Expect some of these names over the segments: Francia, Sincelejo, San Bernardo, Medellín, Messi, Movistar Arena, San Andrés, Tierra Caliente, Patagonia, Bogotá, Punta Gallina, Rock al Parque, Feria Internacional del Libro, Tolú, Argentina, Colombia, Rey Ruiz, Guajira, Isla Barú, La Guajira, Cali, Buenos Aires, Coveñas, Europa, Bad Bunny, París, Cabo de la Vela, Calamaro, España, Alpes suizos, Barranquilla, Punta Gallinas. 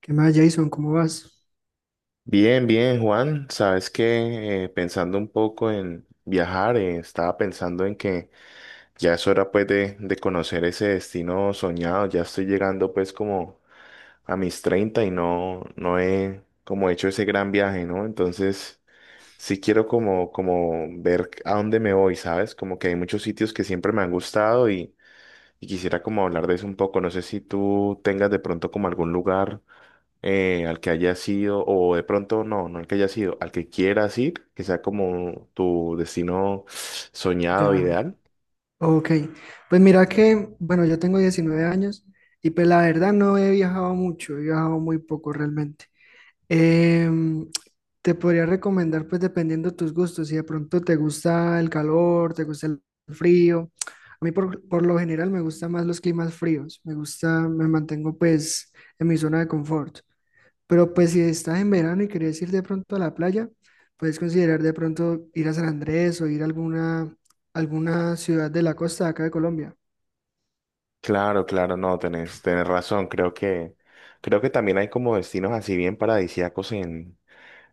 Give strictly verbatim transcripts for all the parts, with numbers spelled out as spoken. ¿Qué más, Jason? ¿Cómo vas? Bien, bien, Juan. Sabes que eh, pensando un poco en viajar, eh, estaba pensando en que ya es hora pues de, de conocer ese destino soñado. Ya estoy llegando pues como a mis treinta y no, no he como hecho ese gran viaje, ¿no? Entonces sí quiero como, como ver a dónde me voy, ¿sabes? Como que hay muchos sitios que siempre me han gustado y, y quisiera como hablar de eso un poco. No sé si tú tengas de pronto como algún lugar eh, al que hayas sido o de pronto no, no al que hayas sido, al que quieras ir, que sea como tu destino soñado, Ya, ideal. ok. Pues mira que, bueno, yo tengo diecinueve años y pues la verdad no he viajado mucho, he viajado muy poco realmente. Em, Te podría recomendar pues dependiendo de tus gustos, si de pronto te gusta el calor, te gusta el frío. A mí por, por lo general me gustan más los climas fríos, me gusta, me mantengo pues en mi zona de confort. Pero pues si estás en verano y querés ir de pronto a la playa, puedes considerar de pronto ir a San Andrés o ir a alguna, alguna ciudad de la costa de acá de Colombia. Claro, claro, no, tenés, tenés razón. Creo que, creo que también hay como destinos así bien paradisíacos en,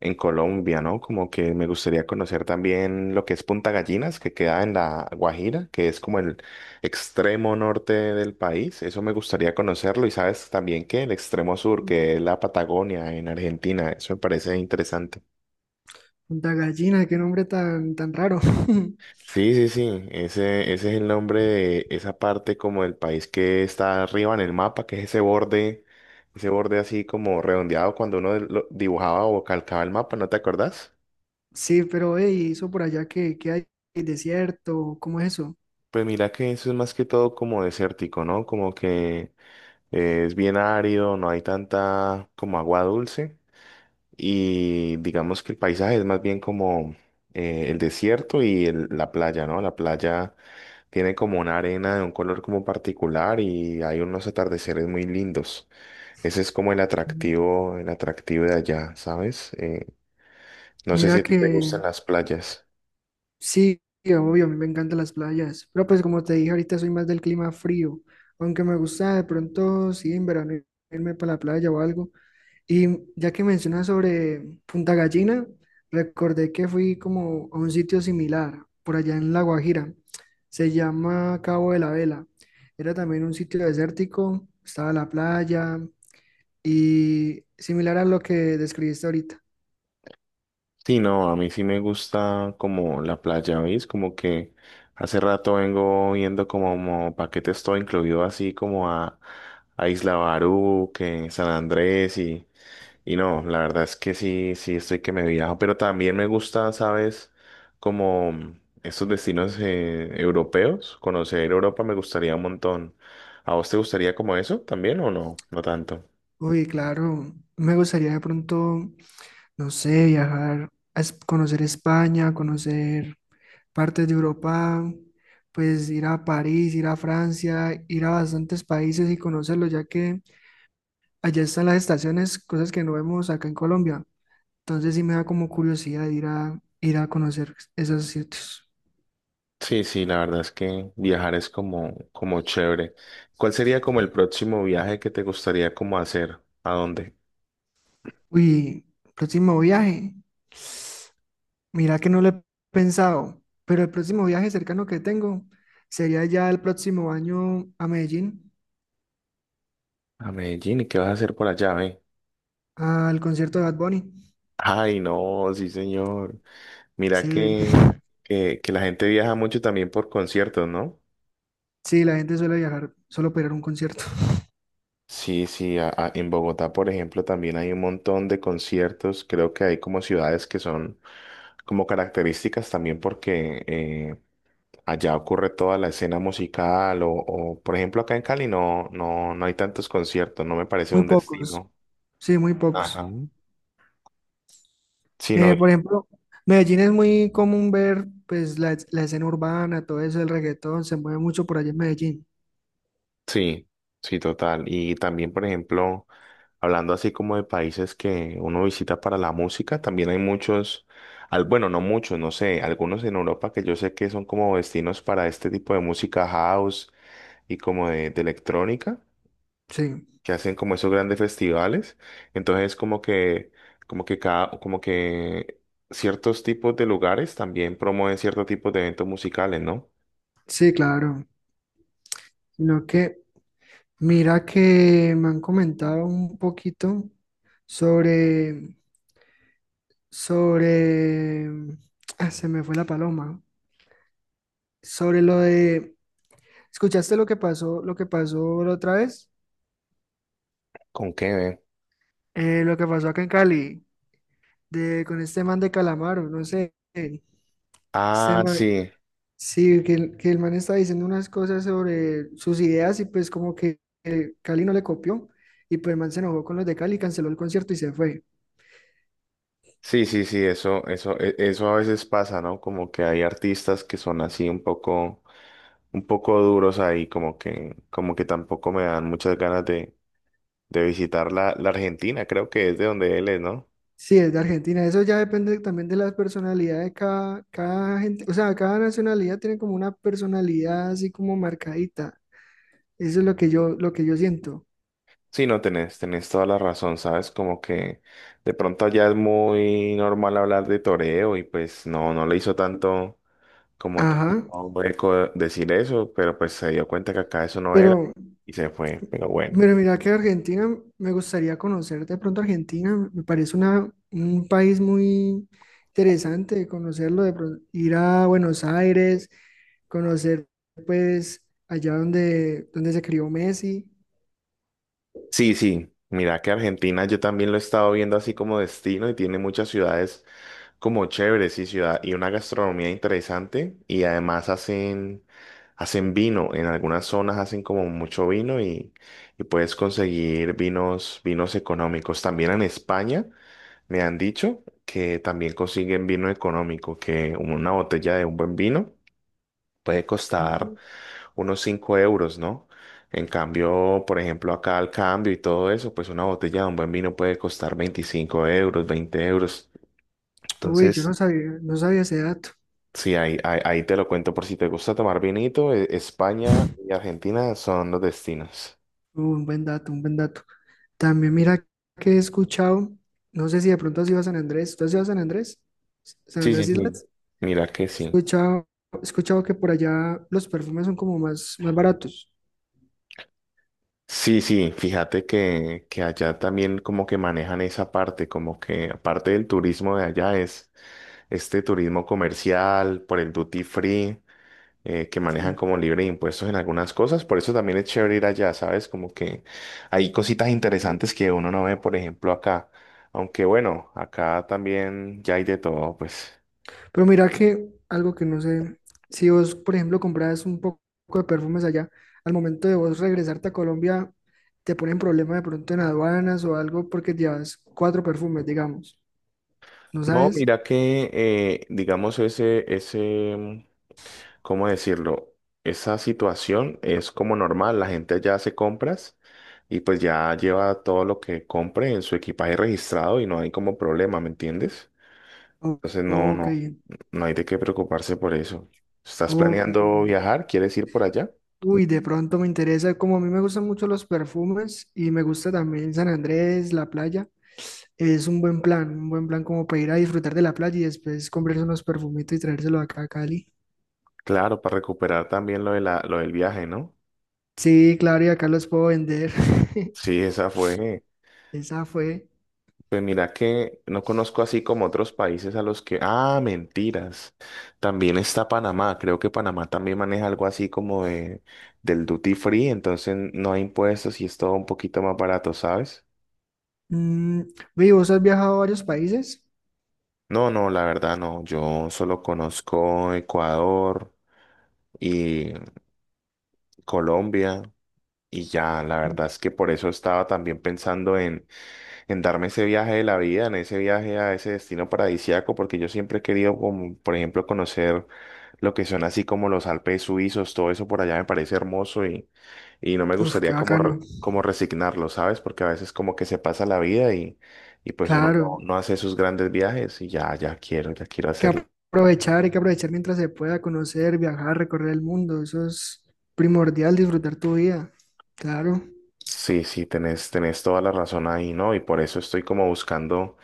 en Colombia, ¿no? Como que me gustaría conocer también lo que es Punta Gallinas, que queda en la Guajira, que es como el extremo norte del país. Eso me gustaría conocerlo. Y sabes también que el extremo sur, que Mm. es la Patagonia en Argentina, eso me parece interesante. Punta Gallina, qué nombre tan, tan raro. Sí, sí, sí, ese, ese es el nombre de esa parte como del país que está arriba en el mapa, que es ese borde, ese borde así como redondeado cuando uno lo dibujaba o calcaba el mapa, ¿no te acordás? Sí, pero hey, ¿y eso por allá que, hay ¿Hay desierto? ¿Cómo es eso? Pues mira que eso es más que todo como desértico, ¿no? Como que es bien árido, no hay tanta como agua dulce y digamos que el paisaje es más bien como eh, el desierto y el- la playa, ¿no? La playa tiene como una arena de un color como particular y hay unos atardeceres muy lindos. Ese es como el Mm. atractivo, el atractivo de allá, ¿sabes? Eh, no sé si Mira a ti que te gustan las playas. sí, obvio, a mí me encantan las playas, pero pues como te dije ahorita soy más del clima frío, aunque me gusta de pronto, sí, en verano irme para la playa o algo. Y ya que mencionas sobre Punta Gallina, recordé que fui como a un sitio similar, por allá en La Guajira. Se llama Cabo de la Vela. Era también un sitio desértico, estaba la playa y similar a lo que describiste ahorita. Sí, no, a mí sí me gusta como la playa, ¿veis? Como que hace rato vengo viendo como, paquetes todo incluido así como a, a Isla Barú, que San Andrés y Y no, la verdad es que sí, sí estoy que me viajo, pero también me gusta, ¿sabes? Como estos destinos eh, europeos, conocer Europa me gustaría un montón. ¿A vos te gustaría como eso también o no? No tanto. Uy, claro, me gustaría de pronto, no sé, viajar a es- conocer España, conocer partes de Europa, pues ir a París, ir a Francia, ir a bastantes países y conocerlos, ya que allá están las estaciones, cosas que no vemos acá en Colombia. Entonces sí me da como curiosidad ir a, ir a, conocer esos sitios. Sí, sí, la verdad es que viajar es como, como chévere. ¿Cuál sería como el próximo viaje que te gustaría como hacer? ¿A dónde? Uy, próximo viaje. Mira que no lo he pensado, pero el próximo viaje cercano que tengo sería ya el próximo año a Medellín, A Medellín, ¿y qué vas a hacer por allá, ve? al concierto de Bad Bunny. Ay, no, sí, señor. Mira Sí, que, que, que la gente viaja mucho también por conciertos, ¿no? sí, la gente suele viajar solo para ir a un concierto. Sí, sí, a- a- en Bogotá, por ejemplo, también hay un montón de conciertos. Creo que hay como ciudades que son como características también porque eh, allá ocurre toda la escena musical o, o, por ejemplo, acá en Cali no, no, no hay tantos conciertos, no me parece Muy un pocos, destino. sí, muy pocos. Ajá. Sino Eh, por ejemplo, Medellín es muy común ver pues la, es- la escena urbana, todo eso, el reggaetón, se mueve mucho por allá en Medellín. sí, sí, total. Y también, por ejemplo, hablando así como de países que uno visita para la música, también hay muchos, al, bueno, no muchos, no sé, algunos en Europa que yo sé que son como destinos para este tipo de música house y como de, de electrónica, Sí, que hacen como esos grandes festivales. Entonces, como que, como que cada, como que ciertos tipos de lugares también promueven ciertos tipos de eventos musicales, ¿no? sí, claro. Sino que, mira que me han comentado un poquito sobre, sobre, ah, se me fue la paloma, sobre lo de, ¿escuchaste lo que pasó, lo que pasó la otra vez? ¿Con qué, ve? Eh, lo que pasó acá en Cali, de, con este man de Calamaro, no sé, este Ah, sí. sí, que el, que el, man estaba diciendo unas cosas sobre sus ideas y pues como que eh, Cali no le copió y pues el man se enojó con los de Cali, canceló el concierto y se fue. Sí, sí, sí, eso, eso, e- eso a veces pasa, ¿no? Como que hay artistas que son así un poco, un poco duros ahí, como que, como que tampoco me dan muchas ganas de, de visitar la, la Argentina, creo que es de donde él es, ¿no? Sí, es de Argentina. Eso ya depende también de la personalidad de cada, cada gente. O sea, cada nacionalidad tiene como una personalidad así como marcadita. Eso es lo que yo, lo que yo, siento. Sí, no tenés, tenés toda la razón, ¿sabes? Como que de pronto allá es muy normal hablar de toreo y pues no, no le hizo tanto como tan- Ajá. hueco decir eso, pero pues se dio cuenta que acá eso no era Pero y se fue, pero bueno. Pero mira que Argentina, me gustaría conocer de pronto Argentina, me parece una, un país muy interesante conocerlo, de pronto, ir a Buenos Aires, conocer pues allá donde, donde se crió Messi. Sí, sí, mira que Argentina yo también lo he estado viendo así como destino y tiene muchas ciudades como chéveres y ciudad y una gastronomía interesante y además hacen hacen vino, en algunas zonas hacen como mucho vino y, y puedes conseguir vinos vinos económicos. También en España me han dicho que también consiguen vino económico, que una botella de un buen vino puede costar unos cinco euros, ¿no? En cambio, por ejemplo, acá al cambio y todo eso, pues una botella de un buen vino puede costar veinticinco euros, veinte euros. Uy, yo no Entonces, sabía, no sabía ese dato. sí, ahí, ahí, ahí te lo cuento por si te gusta tomar vinito, e- España y Argentina son los destinos. Uh, un buen dato, un buen dato. También mira que he escuchado, no sé si de pronto has ido a San Andrés, ¿tú has ido a San Andrés? ¿San Sí, sí, Andrés sí. Islas? Mira que He sí. escuchado, he escuchado que por allá los perfumes son como más, más baratos. Sí, sí, fíjate que, que allá también como que manejan esa parte, como que aparte del turismo de allá es este turismo comercial por el duty free. Eh, que manejan Sí. como libre de impuestos en algunas cosas. Por eso también es chévere ir allá, ¿sabes? Como que hay cositas interesantes que uno no ve, por ejemplo, acá. Aunque bueno, acá también ya hay de todo, pues. Pero mira que algo que no sé, si vos, por ejemplo, compras un poco de perfumes allá, al momento de vos regresarte a Colombia, te ponen problema de pronto en aduanas o algo porque llevas cuatro perfumes, digamos. ¿No No, sabes? mira que, eh, digamos, ese, ese, mm, ¿cómo decirlo? Esa situación es como normal. La gente allá hace compras y pues ya lleva todo lo que compre en su equipaje registrado y no hay como problema, ¿me entiendes? O- Entonces, no, Ok, no. No hay de qué preocuparse por eso. ¿Estás ok. planeando viajar? ¿Quieres ir por allá? Uy, de pronto me interesa, como a mí me gustan mucho los perfumes y me gusta también San Andrés, la playa, es un buen plan, un buen plan como para ir a disfrutar de la playa y después comprarse unos perfumitos y traérselo acá a Cali. Claro, para recuperar también lo de la, lo del viaje, ¿no? Sí, claro, y acá los puedo vender. Sí, esa fue. Esa fue. Pues mira que no conozco así como otros países a los que... Ah, mentiras. También está Panamá. Creo que Panamá también maneja algo así como de, del duty free, entonces no hay impuestos y es todo un poquito más barato, ¿sabes? Mm, ve, ¿vos has viajado a varios países? No, no, la verdad no. Yo solo conozco Ecuador y Colombia. Y ya, la Mm, verdad es que por eso estaba también pensando en, en darme ese viaje de la vida, en ese viaje a ese destino paradisíaco, porque yo siempre he querido, como, por ejemplo, conocer lo que son así como los Alpes suizos, todo eso por allá me parece hermoso y, y no me Uf, qué gustaría como, re- bacano. como resignarlo, ¿sabes? Porque a veces como que se pasa la vida y, y pues uno no, Claro, hay no hace esos grandes viajes y ya, ya quiero, ya quiero que hacerlo. aprovechar, hay que aprovechar mientras se pueda conocer, viajar, recorrer el mundo. Eso es primordial, disfrutar tu vida. Claro. Sí, sí, tenés, tenés toda la razón ahí, ¿no? Y por eso estoy como buscando.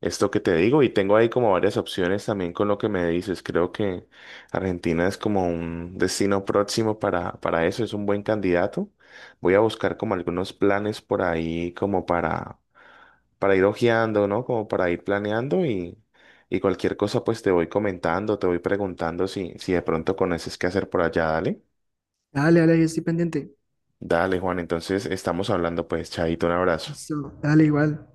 Esto que te digo, y tengo ahí como varias opciones también con lo que me dices. Creo que Argentina es como un destino próximo para, para eso, es un buen candidato. Voy a buscar como algunos planes por ahí como para, para ir hojeando, ¿no? Como para ir planeando y, y cualquier cosa pues te voy comentando, te voy preguntando si, si de pronto conoces qué hacer por allá, dale. Dale, dale, yo estoy pendiente. Dale, Juan, entonces estamos hablando pues, chaito, un abrazo. Listo, dale, igual.